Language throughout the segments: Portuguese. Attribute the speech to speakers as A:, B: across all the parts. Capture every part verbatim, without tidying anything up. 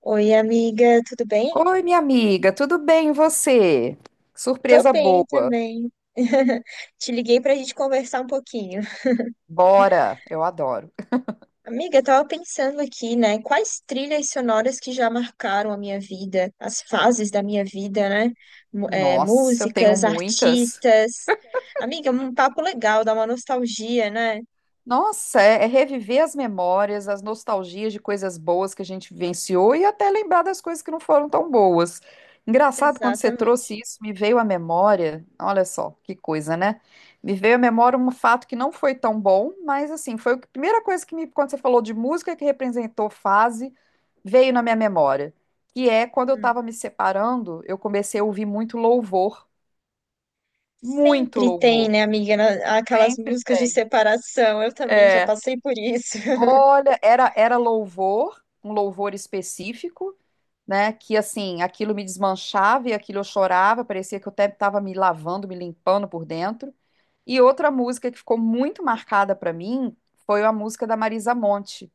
A: Oi, amiga, tudo bem?
B: Oi, minha amiga, tudo bem e você? Que
A: Tô
B: surpresa
A: bem
B: boa.
A: também. Te liguei pra gente conversar um pouquinho.
B: Bora, eu adoro.
A: Amiga, eu tava pensando aqui, né? Quais trilhas sonoras que já marcaram a minha vida, as fases da minha vida, né? Mu- é,
B: Nossa, eu tenho
A: músicas,
B: muitas.
A: artistas. Amiga, um papo legal, dá uma nostalgia, né?
B: Nossa, é, é reviver as memórias, as nostalgias de coisas boas que a gente vivenciou e até lembrar das coisas que não foram tão boas. Engraçado, quando você
A: Exatamente.
B: trouxe isso, me veio à memória. Olha só, que coisa, né? Me veio à memória um fato que não foi tão bom, mas assim, foi a primeira coisa que me, quando você falou de música que representou fase. Veio na minha memória, que é quando eu
A: Hum.
B: estava me separando, eu comecei a ouvir muito louvor, muito
A: Sempre tem,
B: louvor.
A: né, amiga, na- aquelas
B: Sempre
A: músicas de
B: tem.
A: separação. Eu também já
B: É,
A: passei por isso.
B: olha, era era louvor, um louvor específico, né, que assim, aquilo me desmanchava e aquilo eu chorava, parecia que eu até estava me lavando, me limpando por dentro. E outra música que ficou muito marcada para mim foi a música da Marisa Monte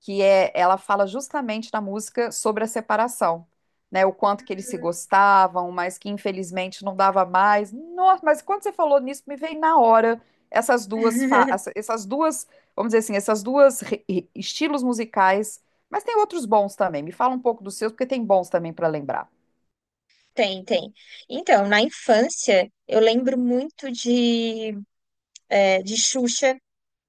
B: que é, ela fala justamente na música sobre a separação, né? O quanto que eles se gostavam, mas que infelizmente não dava mais. Nossa, mas quando você falou nisso, me veio na hora essas duas, fa- essa- essas duas, vamos dizer assim, essas duas re- re- estilos musicais, mas tem outros bons também. Me fala um pouco dos seus, porque tem bons também para lembrar.
A: Tem, tem. Então, na infância, eu lembro muito de, é, de Xuxa,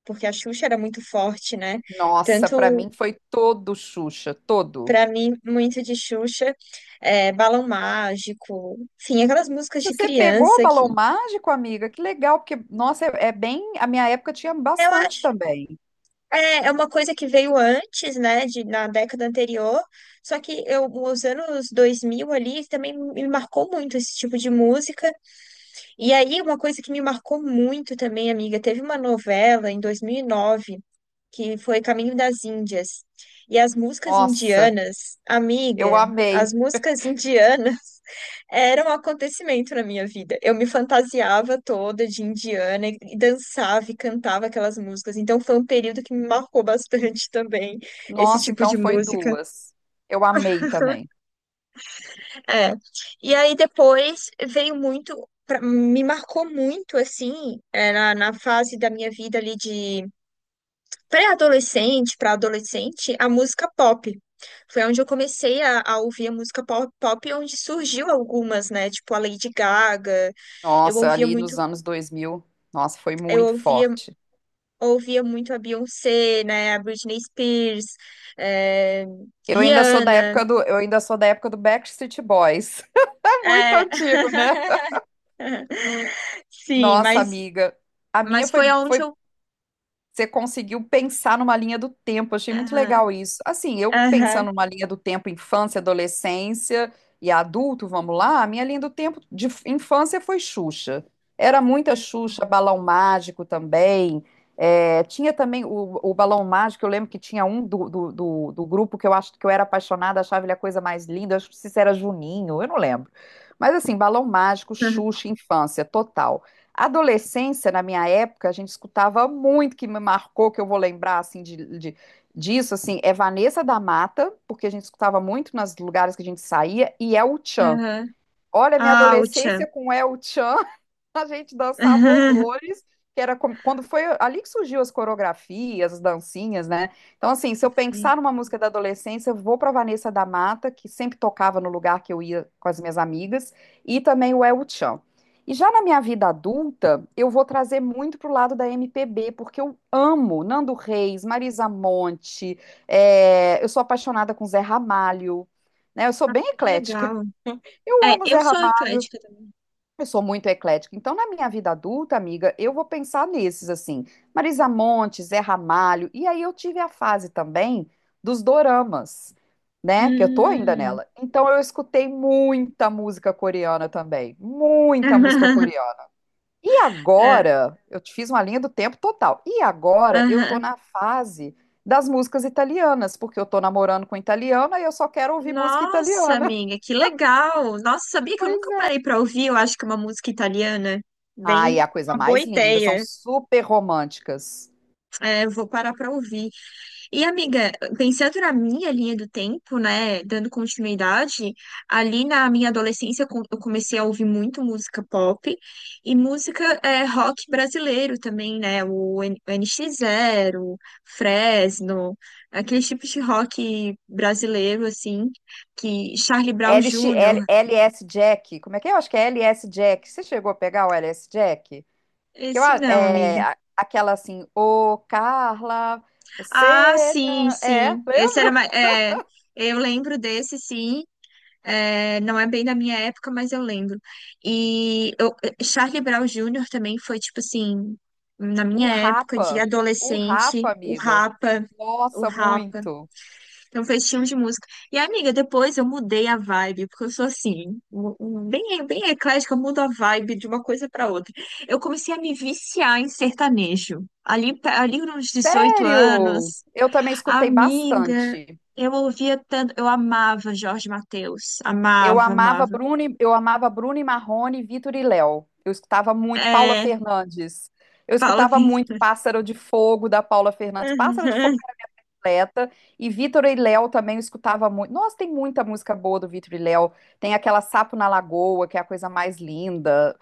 A: porque a Xuxa era muito forte, né?
B: Nossa, para
A: Tanto
B: mim foi todo Xuxa, todo.
A: pra mim, muito de Xuxa, é, Balão Mágico, enfim, aquelas músicas
B: Se
A: de
B: você pegou o
A: criança
B: Balão
A: que
B: Mágico, amiga? Que legal, porque, nossa, é é bem. A minha época tinha
A: eu
B: bastante
A: acho
B: também.
A: é, é uma coisa que veio antes, né, de, na década anterior, só que eu, os anos dois mil ali também me marcou muito esse tipo de música. E aí, uma coisa que me marcou muito também, amiga, teve uma novela em dois mil e nove que foi Caminho das Índias. E as músicas
B: Nossa,
A: indianas,
B: eu
A: amiga, as
B: amei.
A: músicas indianas eram um acontecimento na minha vida. Eu me fantasiava toda de indiana e e dançava e cantava aquelas músicas. Então foi um período que me marcou bastante também, esse
B: Nossa,
A: tipo
B: então
A: de
B: foi
A: música.
B: duas. Eu amei também.
A: É. E aí depois veio muito, pra- me marcou muito assim, é, na, na fase da minha vida ali de pré-adolescente para adolescente, a música pop. Foi onde eu comecei a, a ouvir a música pop, pop, onde surgiu algumas, né? Tipo a Lady Gaga. Eu
B: Nossa,
A: ouvia
B: ali
A: muito,
B: nos anos dois mil. Nossa, foi
A: eu
B: muito
A: ouvia,
B: forte.
A: ouvia muito a Beyoncé, né? A Britney Spears, é,
B: Eu ainda sou da
A: Rihanna.
B: época do, eu ainda sou da época do Backstreet Boys. É muito
A: É,
B: antigo, né?
A: sim,
B: Nossa,
A: mas,
B: amiga, a minha
A: mas foi
B: foi,
A: aonde
B: foi
A: eu.
B: você conseguiu pensar numa linha do tempo, achei muito
A: Aham.
B: legal isso. Assim, eu pensando
A: Aham,
B: numa linha do tempo infância, adolescência e adulto, vamos lá, a minha linha do tempo de f- infância foi Xuxa. Era muita Xuxa, Balão Mágico também. É, tinha também o, o Balão Mágico, eu lembro que tinha um do, do, do- do grupo que eu acho que eu era apaixonada, achava ele a coisa mais linda, eu acho que se era Juninho, eu não lembro. Mas assim, Balão Mágico, Xuxa, infância, total. Adolescência, na minha época, a gente escutava muito que me marcou, que eu vou lembrar assim de, de- disso, assim, é Vanessa da Mata, porque a gente escutava muito nos lugares que a gente saía, e El Chan.
A: aham.
B: Olha, minha
A: Ah, Utchan.
B: adolescência com El Chan. A gente dançava horrores, que era como- quando foi ali que surgiu as coreografias, as dancinhas, né? Então, assim, se eu
A: Sim.
B: pensar numa música da adolescência, eu vou para Vanessa da Mata, que sempre tocava no lugar que eu ia com as minhas amigas, e também o El Chão. E já na minha vida adulta, eu vou trazer muito pro lado da M P B, porque eu amo Nando Reis, Marisa Monte, é, eu sou apaixonada com Zé Ramalho, né? Eu sou bem
A: Que
B: eclética.
A: legal.
B: Eu
A: É,
B: amo
A: eu
B: Zé,
A: sou eclética também.
B: eu sou muito eclética. Então, na minha vida adulta, amiga, eu vou pensar nesses, assim, Marisa Montes, Zé Ramalho. E aí eu tive a fase também dos doramas, né? Que eu tô ainda
A: Hum.
B: nela. Então, eu escutei muita música coreana também. Muita música coreana. E
A: É,
B: agora, eu te fiz uma linha do tempo total. E agora, eu tô
A: aham.
B: na fase das músicas italianas, porque eu tô namorando com italiana e eu só quero ouvir música
A: Nossa,
B: italiana.
A: amiga, que legal. Nossa, sabia que eu nunca parei pra ouvir, eu acho que é uma música italiana.
B: Ai, é a
A: Bem,
B: coisa
A: uma boa
B: mais linda. São
A: ideia.
B: super românticas.
A: É, vou parar pra ouvir. E, amiga, pensando na minha linha do tempo, né, dando continuidade, ali na minha adolescência eu com- eu comecei a ouvir muito música pop e música é, rock brasileiro também, né, o N- N X Zero, Fresno, aqueles tipos de rock brasileiro, assim, que Charlie Brown
B: L X,
A: júnior,
B: L- LS Jack. Como é que é? Eu acho que é L S Jack. Você chegou a pegar o L S Jack? Que eu,
A: esse
B: a-
A: não, amiga.
B: é a- aquela assim, ô Carla,
A: Ah,
B: você.
A: sim,
B: Não-" É,
A: sim, esse era,
B: lembra?
A: ma- é, eu lembro desse, sim. É, não é bem da minha época, mas eu lembro. E eu, Charlie Brown júnior também foi, tipo assim, na
B: O
A: minha época de
B: Rapa. O
A: adolescente,
B: Rapa,
A: o
B: amiga.
A: Rapa, o
B: Nossa,
A: Rapa.
B: muito.
A: Então foi esse estilo de música. E, amiga, depois eu mudei a vibe, porque eu sou assim, um- um- bem, bem eclética, eu mudo a vibe de uma coisa para outra. Eu comecei a me viciar em sertanejo. Ali, ali nos dezoito
B: Sério?
A: anos.
B: Eu também escutei
A: Amiga,
B: bastante.
A: eu ouvia tanto, eu amava Jorge Mateus,
B: Eu
A: amava,
B: amava
A: amava.
B: Bruno, e- eu amava Bruno e Marrone, Vitor e Léo. Eu escutava muito Paula
A: É,
B: Fernandes. Eu
A: Paula
B: escutava muito
A: Vitor.
B: Pássaro de Fogo da Paula Fernandes, Pássaro de Fogo
A: Aham,
B: completa e Vitor e Léo também eu escutava muito. Nossa, tem muita música boa do Vitor e Léo. Tem aquela Sapo na Lagoa, que é a coisa mais linda.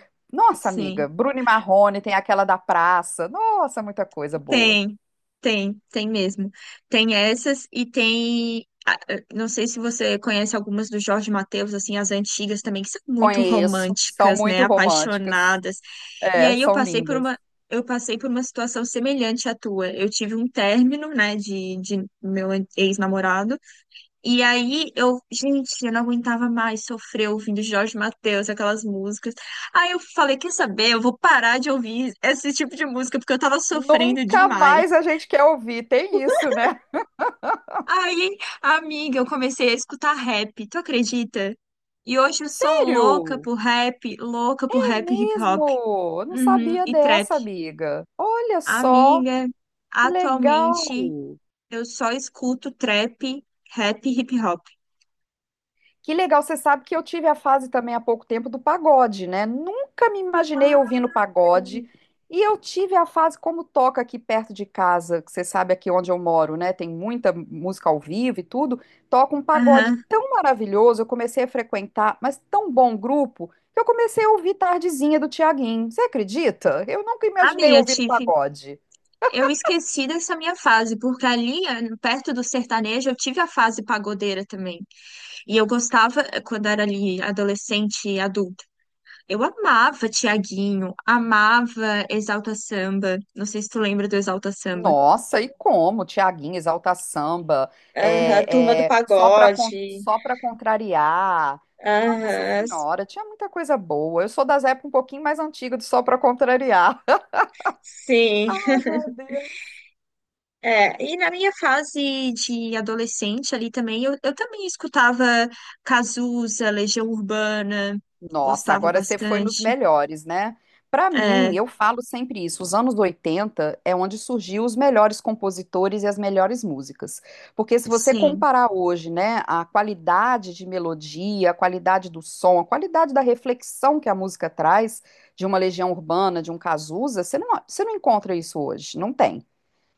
B: Nossa, amiga,
A: sim,
B: Bruno e Marrone, tem aquela da praça. Nossa, muita coisa boa.
A: tem, tem, tem mesmo. Tem essas e tem, ah, eh, não sei se você conhece algumas do Jorge Mateus, assim, as antigas também, que são muito
B: Conheço, são
A: românticas, né,
B: muito românticas.
A: apaixonadas. E
B: É,
A: aí eu
B: são
A: passei por
B: lindas.
A: uma Eu passei por uma situação semelhante à tua. Eu tive um término, né, de, de meu ex-namorado. E aí eu, gente, eu não aguentava mais sofrer ouvindo Jorge Mateus, aquelas músicas. Aí eu falei, quer saber? Eu vou parar de ouvir esse tipo de música porque eu tava sofrendo
B: Nunca
A: demais.
B: mais a gente quer ouvir, tem isso, né?
A: Aí, amiga, eu comecei a escutar rap, tu acredita? E hoje eu sou louca
B: Sério?
A: por rap, louca por
B: É
A: rap e hip hop,
B: mesmo? Eu não
A: uhum,
B: sabia
A: e trap.
B: dessa, amiga. Olha só,
A: Amiga,
B: que legal.
A: atualmente eu só escuto trap, rap e hip hop.
B: Que legal, você sabe que eu tive a fase também há pouco tempo do pagode, né? Nunca me imaginei
A: Ah,
B: ouvindo pagode.
A: é.
B: E eu tive a fase como toca aqui perto de casa, que você sabe aqui onde eu moro, né? Tem muita música ao vivo e tudo. Toca um pagode
A: Aham.
B: tão maravilhoso, eu comecei a frequentar, mas tão bom grupo, que eu comecei a ouvir Tardezinha do Tiaguinho. Você acredita? Eu nunca imaginei
A: Amiga,
B: ouvir
A: Tiff,
B: pagode.
A: Eu esqueci dessa minha fase, porque ali, eh, perto do sertanejo, eu tive a fase pagodeira também. E eu gostava, eh, quando era ali adolescente e adulta, eu amava Tiaguinho, amava Exalta Samba. Não sei se tu lembra do Exalta Samba.
B: Nossa, e como? Tiaguinho, Exalta Samba,
A: Aham, Turma do
B: é, é, só para
A: Pagode.
B: só para contrariar. Nossa
A: Aham, s-
B: Senhora, tinha muita coisa boa. Eu sou das épocas um pouquinho mais antigas do Só para Contrariar.
A: sim.
B: Ai, meu Deus.
A: É, e na minha fase de adolescente ali também, eu, eu também escutava Cazuza, Legião Urbana,
B: Nossa,
A: gostava
B: agora você foi nos
A: bastante.
B: melhores, né? Para mim, eu falo sempre isso, os anos oitenta é onde surgiu os melhores compositores e as melhores músicas. Porque se você
A: Sim,
B: comparar hoje, né, a qualidade de melodia, a qualidade do som, a qualidade da reflexão que a música traz de uma Legião Urbana, de um Cazuza, você não, você não encontra isso hoje, não tem.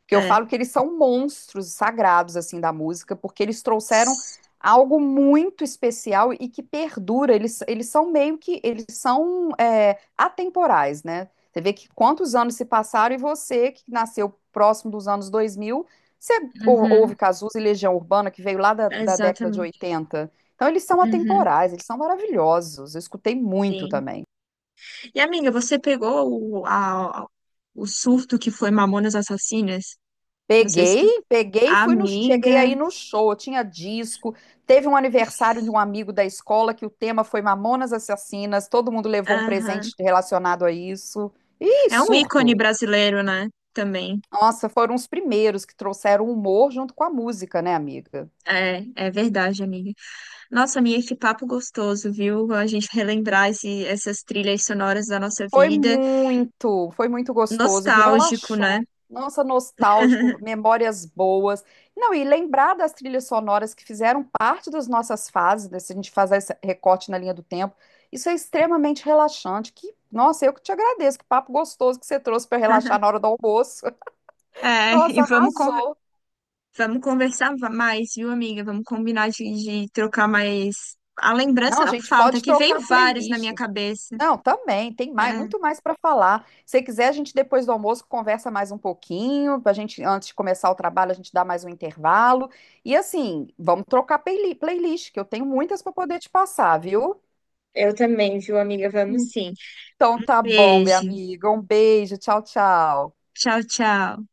B: Porque eu
A: é.
B: falo que eles são monstros sagrados, assim, da música, porque eles trouxeram algo muito especial e que perdura. Eles, eles são meio que, eles são é, atemporais, né? Você vê que quantos anos se passaram e você, que nasceu próximo dos anos dois mil, você ou- ouve
A: Uhum,
B: Cazuza e Legião Urbana, que veio lá da, da década de
A: exatamente.
B: oitenta. Então, eles são
A: Uhum,
B: atemporais, eles são maravilhosos. Eu escutei muito
A: sim.
B: também.
A: E amiga, você pegou o, a- o surto que foi Mamonas Assassinas? Não sei se
B: Peguei,
A: tu.
B: peguei e fui no, cheguei
A: Amiga,
B: aí no show, tinha disco, teve um aniversário de um amigo da escola que o tema foi Mamonas Assassinas, todo mundo levou um
A: aham.
B: presente relacionado a isso. Ih,
A: É um ícone
B: surto.
A: brasileiro, né? Também.
B: Nossa, foram os primeiros que trouxeram humor junto com a música, né, amiga?
A: É, é verdade, amiga. Nossa, amiga, que papo gostoso, viu? A gente relembrar esse, essas trilhas sonoras da nossa
B: Foi
A: vida.
B: muito, foi muito gostoso,
A: Nostálgico, né?
B: relaxou. Nossa, nostálgico, memórias boas. Não, e lembrar das trilhas sonoras que fizeram parte das nossas fases, né, se a gente fazer esse recorte na linha do tempo, isso é extremamente relaxante. Que, nossa, eu que te agradeço, que papo gostoso que você trouxe para relaxar na hora do almoço.
A: É, e
B: Nossa,
A: vamos
B: arrasou.
A: conversar. Vamos conversar va- mais, viu, amiga? Vamos combinar de, de trocar mais. A
B: Não,
A: lembrança
B: a
A: não
B: gente
A: falta,
B: pode
A: que veio
B: trocar
A: vários na
B: playlist.
A: minha cabeça.
B: Não, também, tem mais,
A: É.
B: muito mais para falar. Se você quiser, a gente depois do almoço conversa mais um pouquinho, pra gente antes de começar o trabalho, a gente dá mais um intervalo. E assim, vamos trocar playli- playlist, que eu tenho muitas para poder te passar, viu?
A: Eu também, viu, amiga? Vamos sim.
B: Então tá bom, minha
A: Beijo.
B: amiga. Um beijo, tchau, tchau.
A: Tchau, tchau.